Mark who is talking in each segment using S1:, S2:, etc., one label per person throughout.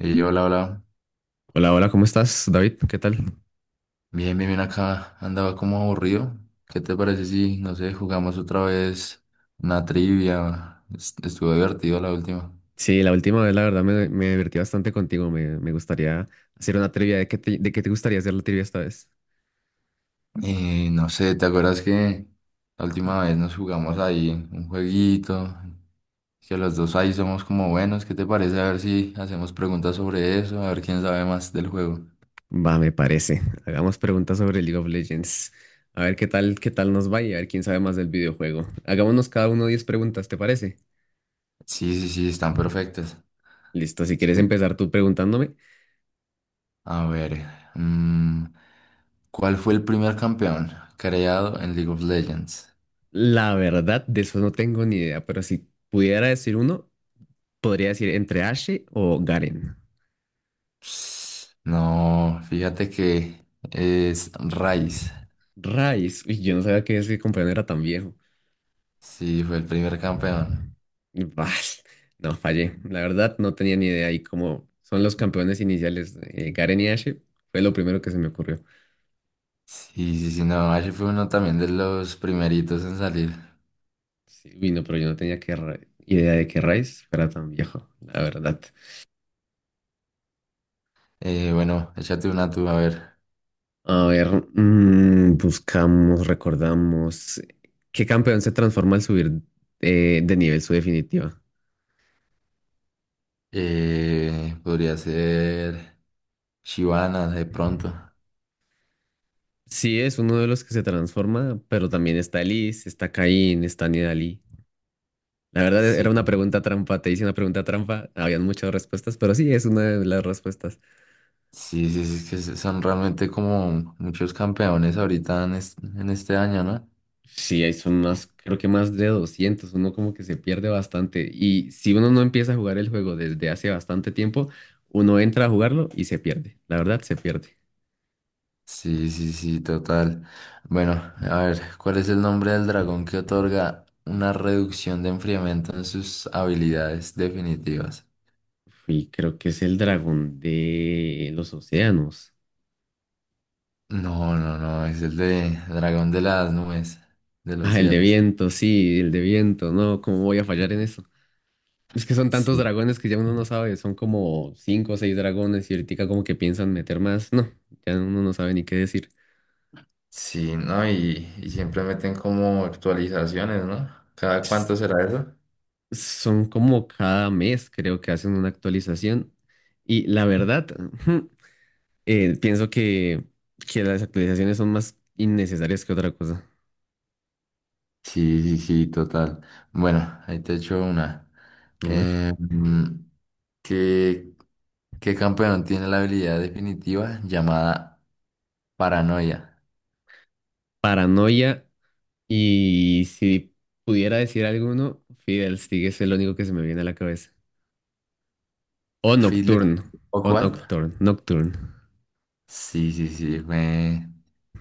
S1: Y yo, hola, hola.
S2: Hola, hola, ¿cómo estás, David? ¿Qué tal?
S1: Bien, bien, bien acá. Andaba como aburrido. ¿Qué te parece si, no sé, jugamos otra vez una trivia? Estuvo divertido la última.
S2: Sí, la última vez, la verdad, me divertí bastante contigo. Me gustaría hacer una trivia. ¿De qué te gustaría hacer la trivia esta vez?
S1: Y no sé, ¿te acuerdas que la última vez nos jugamos ahí un jueguito? Que los dos ahí somos como buenos. ¿Qué te parece? A ver si hacemos preguntas sobre eso, a ver quién sabe más del juego.
S2: Va, me parece. Hagamos preguntas sobre League of Legends. A ver qué tal nos va y a ver quién sabe más del videojuego. Hagámonos cada uno 10 preguntas, ¿te parece?
S1: Sí, sí, sí, están perfectas.
S2: Listo, si quieres
S1: Sí.
S2: empezar tú preguntándome.
S1: A ver, mm, ¿cuál fue el primer campeón creado en League of Legends?
S2: La verdad, de eso no tengo ni idea, pero si pudiera decir uno, podría decir entre Ashe o Garen.
S1: No, fíjate que es Rice.
S2: Rice, uy, yo no sabía que ese compañero era tan viejo.
S1: Sí, fue el primer campeón.
S2: Bah, no, fallé. La verdad, no tenía ni idea. Y como son los campeones iniciales, Garen y Ashe, fue lo primero que se me ocurrió.
S1: Sí, sí, sí, no, Ash fue uno también de los primeritos en salir.
S2: Sí, uy, no, pero yo no tenía idea de que Rice fuera tan viejo, la verdad.
S1: Bueno, échate una tú, a ver.
S2: A ver, buscamos, recordamos. ¿Qué campeón se transforma al subir de nivel su definitiva?
S1: Podría ser Shivana de pronto.
S2: Sí, es uno de los que se transforma, pero también está Elise, está Kayn, está Nidalee. La verdad era
S1: Sí,
S2: una pregunta trampa, te hice una pregunta trampa, habían muchas respuestas, pero sí, es una de las respuestas.
S1: sí, sí, sí, es que son realmente como muchos campeones ahorita en este año, ¿no?
S2: Sí, ahí son más, creo que más de 200, uno como que se pierde bastante y si uno no empieza a jugar el juego desde hace bastante tiempo, uno entra a jugarlo y se pierde, la verdad se pierde.
S1: Sí, sí, sí, total. Bueno, a ver, ¿cuál es el nombre del dragón que otorga una reducción de enfriamiento en sus habilidades definitivas?
S2: Y creo que es el dragón de los océanos.
S1: No, no, no, es el de dragón de las nubes, de los
S2: Ah, el de
S1: cielos.
S2: viento, sí, el de viento, no, ¿cómo voy a fallar en eso? Es que son tantos
S1: Sí,
S2: dragones que ya uno no sabe, son como cinco o seis dragones y ahorita como que piensan meter más. No, ya uno no sabe ni qué decir.
S1: sí, ¿no? Y siempre meten como actualizaciones, ¿no? ¿Cada
S2: Ps-
S1: cuánto será eso?
S2: Son como cada mes, creo que hacen una actualización. Y la verdad, pienso que las actualizaciones son más innecesarias que otra cosa.
S1: Sí, sí, sí, total. Bueno, ahí te echo una.
S2: A ver.
S1: Eh, ¿Qué, qué campeón tiene la habilidad definitiva llamada paranoia?
S2: Paranoia. Y si pudiera decir alguno, Fidel Stick es el único que se me viene a la cabeza. O
S1: ¿Fiddler
S2: Nocturne.
S1: o
S2: O
S1: cuál?
S2: Nocturne. Nocturne.
S1: Sí, sí, sí, me...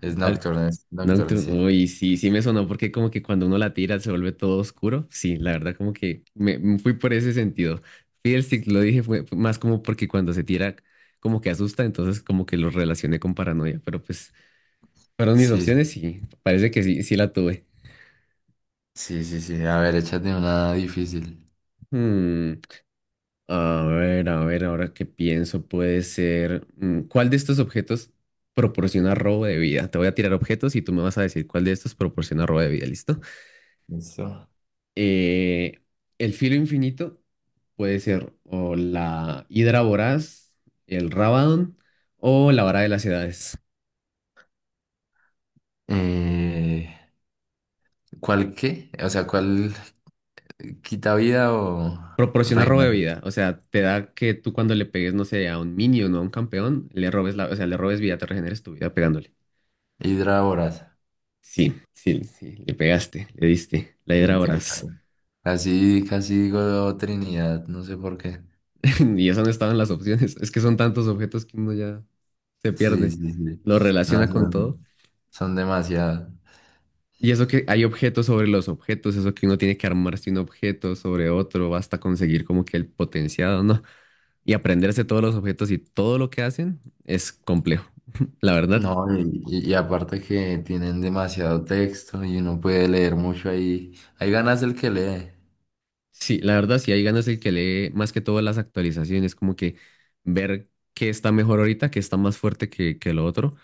S1: es Nocturne, sí.
S2: Nocturne, uy, sí, sí me sonó porque como que cuando uno la tira se vuelve todo oscuro. Sí, la verdad como que me fui por ese sentido. Fiddlesticks lo dije fue más como porque cuando se tira como que asusta, entonces como que lo relacioné con paranoia, pero pues fueron mis
S1: Sí,
S2: opciones y parece que sí, sí la tuve.
S1: sí, sí, sí. A ver, échate una difícil.
S2: Hmm, a ver, ahora que pienso puede ser, ¿cuál de estos objetos proporciona robo de vida? Te voy a tirar objetos y tú me vas a decir cuál de estos proporciona robo de vida, ¿listo?
S1: Listo.
S2: Eh, el filo infinito puede ser o la hidra voraz, el Rabadon o la vara de las edades.
S1: Eh, ¿Cuál qué? O sea, ¿cuál quita vida o
S2: Proporciona robo
S1: reina?
S2: de vida, o sea, te da que tú cuando le pegues, no sé, a un minion o no a un campeón, le robes la, o sea, le robes vida, te regeneres tu vida pegándole.
S1: Hidra Voraz.
S2: Sí, sí, sí, le pegaste, le diste, la hidra
S1: Eh, ca-
S2: voraz.
S1: ca- Casi, casi digo Trinidad, no sé por qué.
S2: Y eso no estaban las opciones, es que son tantos objetos que uno ya se
S1: Sí,
S2: pierde,
S1: sí, sí.
S2: lo
S1: No,
S2: relaciona con
S1: sé.
S2: todo.
S1: Son demasiadas.
S2: Y eso que hay objetos sobre los objetos, eso que uno tiene que armarse un objeto sobre otro hasta conseguir como que el potenciado, ¿no? Y aprenderse todos los objetos y todo lo que hacen es complejo. La verdad,
S1: No, y aparte que tienen demasiado texto y uno puede leer mucho ahí. Hay ganas el que lee.
S2: sí, la verdad, sí hay ganas el que lee más que todo las actualizaciones, como que ver qué está mejor ahorita, qué está más fuerte que lo otro.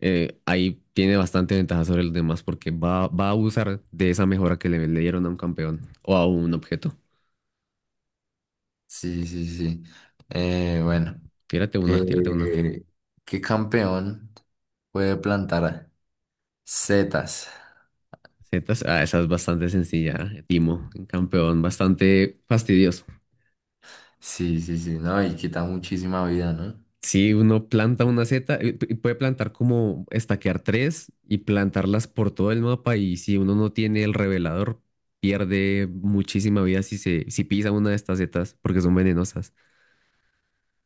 S2: Ahí tiene bastante ventaja sobre los demás porque va a usar de esa mejora que le dieron a un campeón o a un objeto.
S1: Sí, sí, sí. Bueno,
S2: Tírate una, tírate una.
S1: eh, ¿qué campeón puede plantar setas?
S2: Zetas, ah, esa es bastante sencilla, Timo, un campeón, bastante fastidioso.
S1: Sí, sí, sí, no, y quita muchísima vida, ¿no?
S2: Si uno planta una zeta, puede plantar como estaquear tres y plantarlas por todo el mapa y si uno no tiene el revelador, pierde muchísima vida si pisa una de estas zetas porque son venenosas.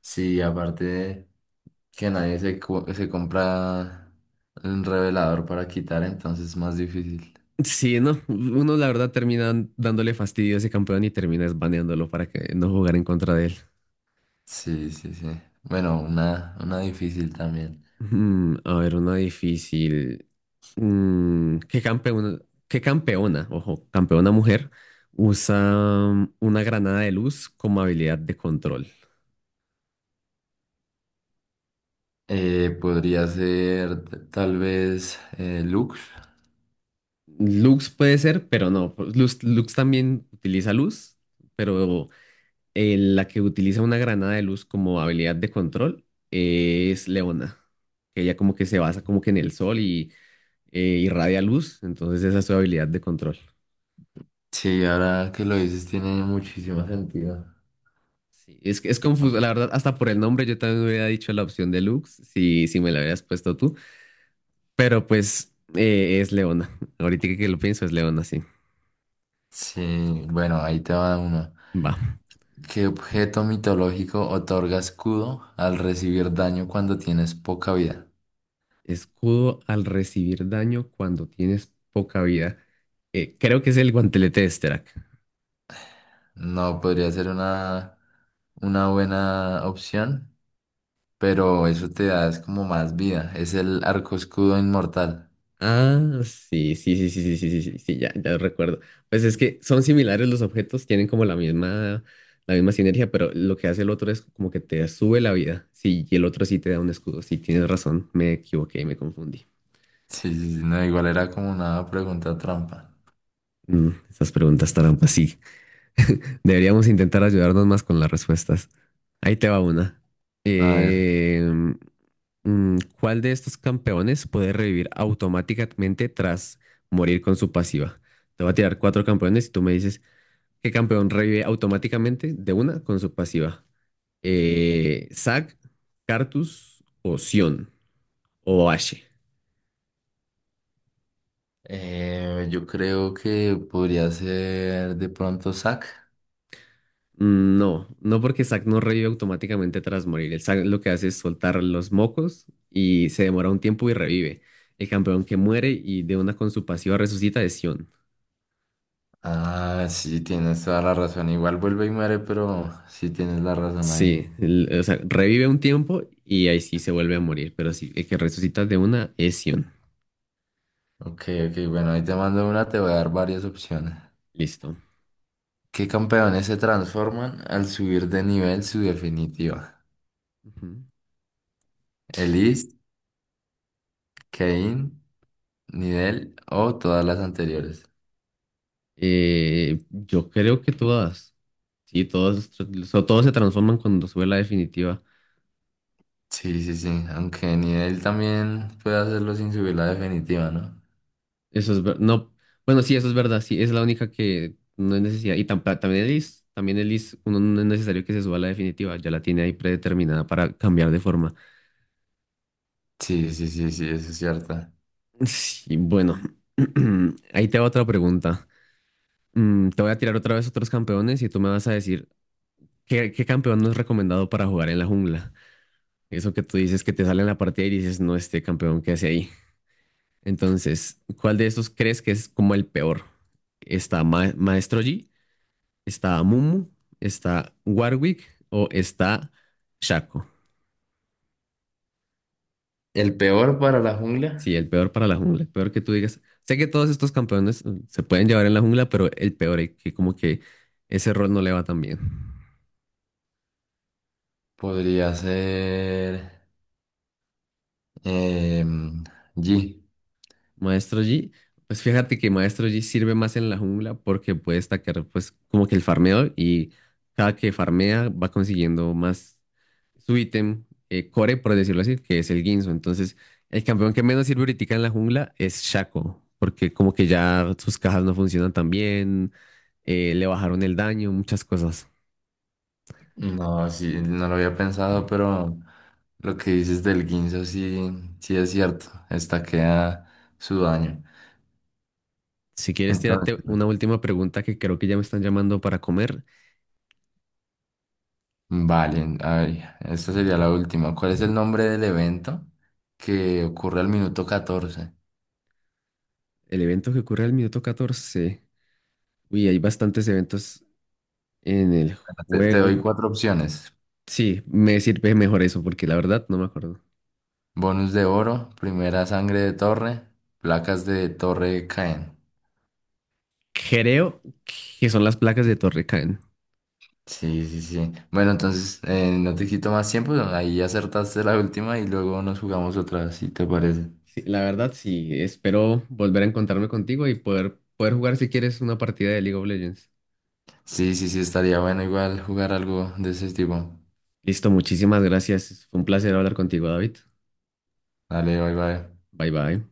S1: Sí, aparte de que nadie se compra un revelador para quitar, entonces es más difícil.
S2: Sí, no, uno la verdad termina dándole fastidio a ese campeón y termina baneándolo para que no jugar en contra de él.
S1: Sí, sí, sí. Bueno, una difícil también.
S2: A ver, una difícil. ¿Qué campeona, qué campeona, ojo, campeona mujer usa una granada de luz como habilidad de control?
S1: Podría ser tal vez Lux.
S2: Lux puede ser, pero no. Pues, Lux, también utiliza luz, pero la que utiliza una granada de luz como habilidad de control es Leona, que ella como que se basa como que en el sol y irradia luz, entonces esa es su habilidad de control.
S1: Sí, ahora que lo dices tiene muchísimo sentido.
S2: Sí, es que es confuso, la verdad, hasta por el nombre yo también hubiera dicho la opción deluxe, si me la hubieras puesto tú, pero pues es Leona, ahorita que lo pienso es Leona, sí,
S1: Sí, bueno, ahí te va uno.
S2: va.
S1: ¿Qué objeto mitológico otorga escudo al recibir daño cuando tienes poca vida?
S2: Escudo al recibir daño cuando tienes poca vida, creo que es el guantelete de Sterak.
S1: No, podría ser una buena opción, pero eso te da es como más vida. Es el arco escudo inmortal.
S2: Ah, sí, sí, sí, sí, sí, sí, sí, sí, sí, ya, ya recuerdo. Pues es que son similares los objetos, tienen como la misma sinergia, pero lo que hace el otro es como que te sube la vida. Sí, y el otro sí te da un escudo. Sí, tienes razón, me equivoqué, me confundí.
S1: Sí, sí, sí, no, igual era como una pregunta trampa.
S2: Esas preguntas trampas, sí. Deberíamos intentar ayudarnos más con las respuestas. Ahí te va una.
S1: A ver.
S2: Eh, ¿cuál de estos campeones puede revivir automáticamente tras morir con su pasiva? Te voy a tirar cuatro campeones y tú me dices ¿Qué campeón revive automáticamente de una con su pasiva. Zac, Cartus o Sion o Ashe.
S1: Yo creo que podría ser de pronto Zack.
S2: No, no porque Zac no revive automáticamente tras morir. El Zac lo que hace es soltar los mocos y se demora un tiempo y revive. El campeón que muere y de una con su pasiva resucita es Sion.
S1: Ah, sí, tienes toda la razón. Igual vuelve y muere, pero sí tienes la razón ahí.
S2: Sí, o sea, revive un tiempo y ahí sí se vuelve a morir, pero sí, el que resucita de una es Sion.
S1: Ok, ok, bueno, ahí te mando una, te voy a dar varias opciones.
S2: Listo.
S1: ¿Qué campeones se transforman al subir de nivel su definitiva?
S2: Ujú.
S1: ¿Elise, Kayn, Nidel o todas las anteriores?
S2: Yo creo que todas. Sí, todas se transforman cuando sube la definitiva.
S1: Sí, sí, sí, aunque Nidel también puede hacerlo sin subir la definitiva, ¿no?
S2: No, bueno, sí, eso es verdad. Sí, es la única que no es necesidad. Y también el is, uno no es necesario que se suba a la definitiva. Ya la tiene ahí predeterminada para cambiar de forma.
S1: Sí, sí, sí, sí, eso es cierto.
S2: Sí, bueno. Ahí te va otra pregunta. Te voy a tirar otra vez otros campeones y tú me vas a decir qué campeón no es recomendado para jugar en la jungla. Eso que tú dices que te sale en la partida y dices, no, este campeón que hace ahí. Entonces, ¿cuál de esos crees que es como el peor? ¿Está Maestro Yi? ¿Está Mumu? ¿Está Warwick? ¿O está Shaco?
S1: El peor para la
S2: Sí,
S1: jungla
S2: el peor para la jungla, el peor que tú digas. Sé que todos estos campeones se pueden llevar en la jungla, pero el peor, es que como que ese rol no le va tan bien.
S1: podría ser em, G.
S2: Maestro Yi, pues fíjate que Maestro Yi sirve más en la jungla porque puede destacar pues como que el farmeo y cada que farmea va consiguiendo más su ítem core, por decirlo así, que es el Guinzo. Entonces, el campeón que menos sirve ahorita en la jungla es Shaco, porque como que ya sus cajas no funcionan tan bien, le bajaron el daño, muchas cosas.
S1: No, sí, no lo había pensado, pero lo que dices del Guinzo sí, sí es cierto. Queda su daño.
S2: Si quieres, tírate
S1: Entonces,
S2: una última pregunta que creo que ya me están llamando para comer.
S1: vale, a ver, esta sería la última. ¿Cuál es el nombre del evento que ocurre al minuto 14?
S2: El evento que ocurre al minuto 14. Uy, hay bastantes eventos en el
S1: Bueno, te doy
S2: juego.
S1: cuatro opciones.
S2: Sí, me sirve mejor eso, porque la verdad no me acuerdo.
S1: Bonus de oro, primera sangre de torre, placas de torre caen.
S2: Creo que son las placas de Torre Caen.
S1: Sí, sí, sí. Bueno, entonces no te quito más tiempo. Ahí acertaste la última y luego nos jugamos otra, si te parece.
S2: Sí, la verdad, sí, espero volver a encontrarme contigo y poder jugar si quieres una partida de League of Legends.
S1: Sí, sí, sí, estaría bueno igual jugar algo de ese tipo.
S2: Listo, muchísimas gracias. Fue un placer hablar contigo, David.
S1: Dale, bye, bye.
S2: Bye bye.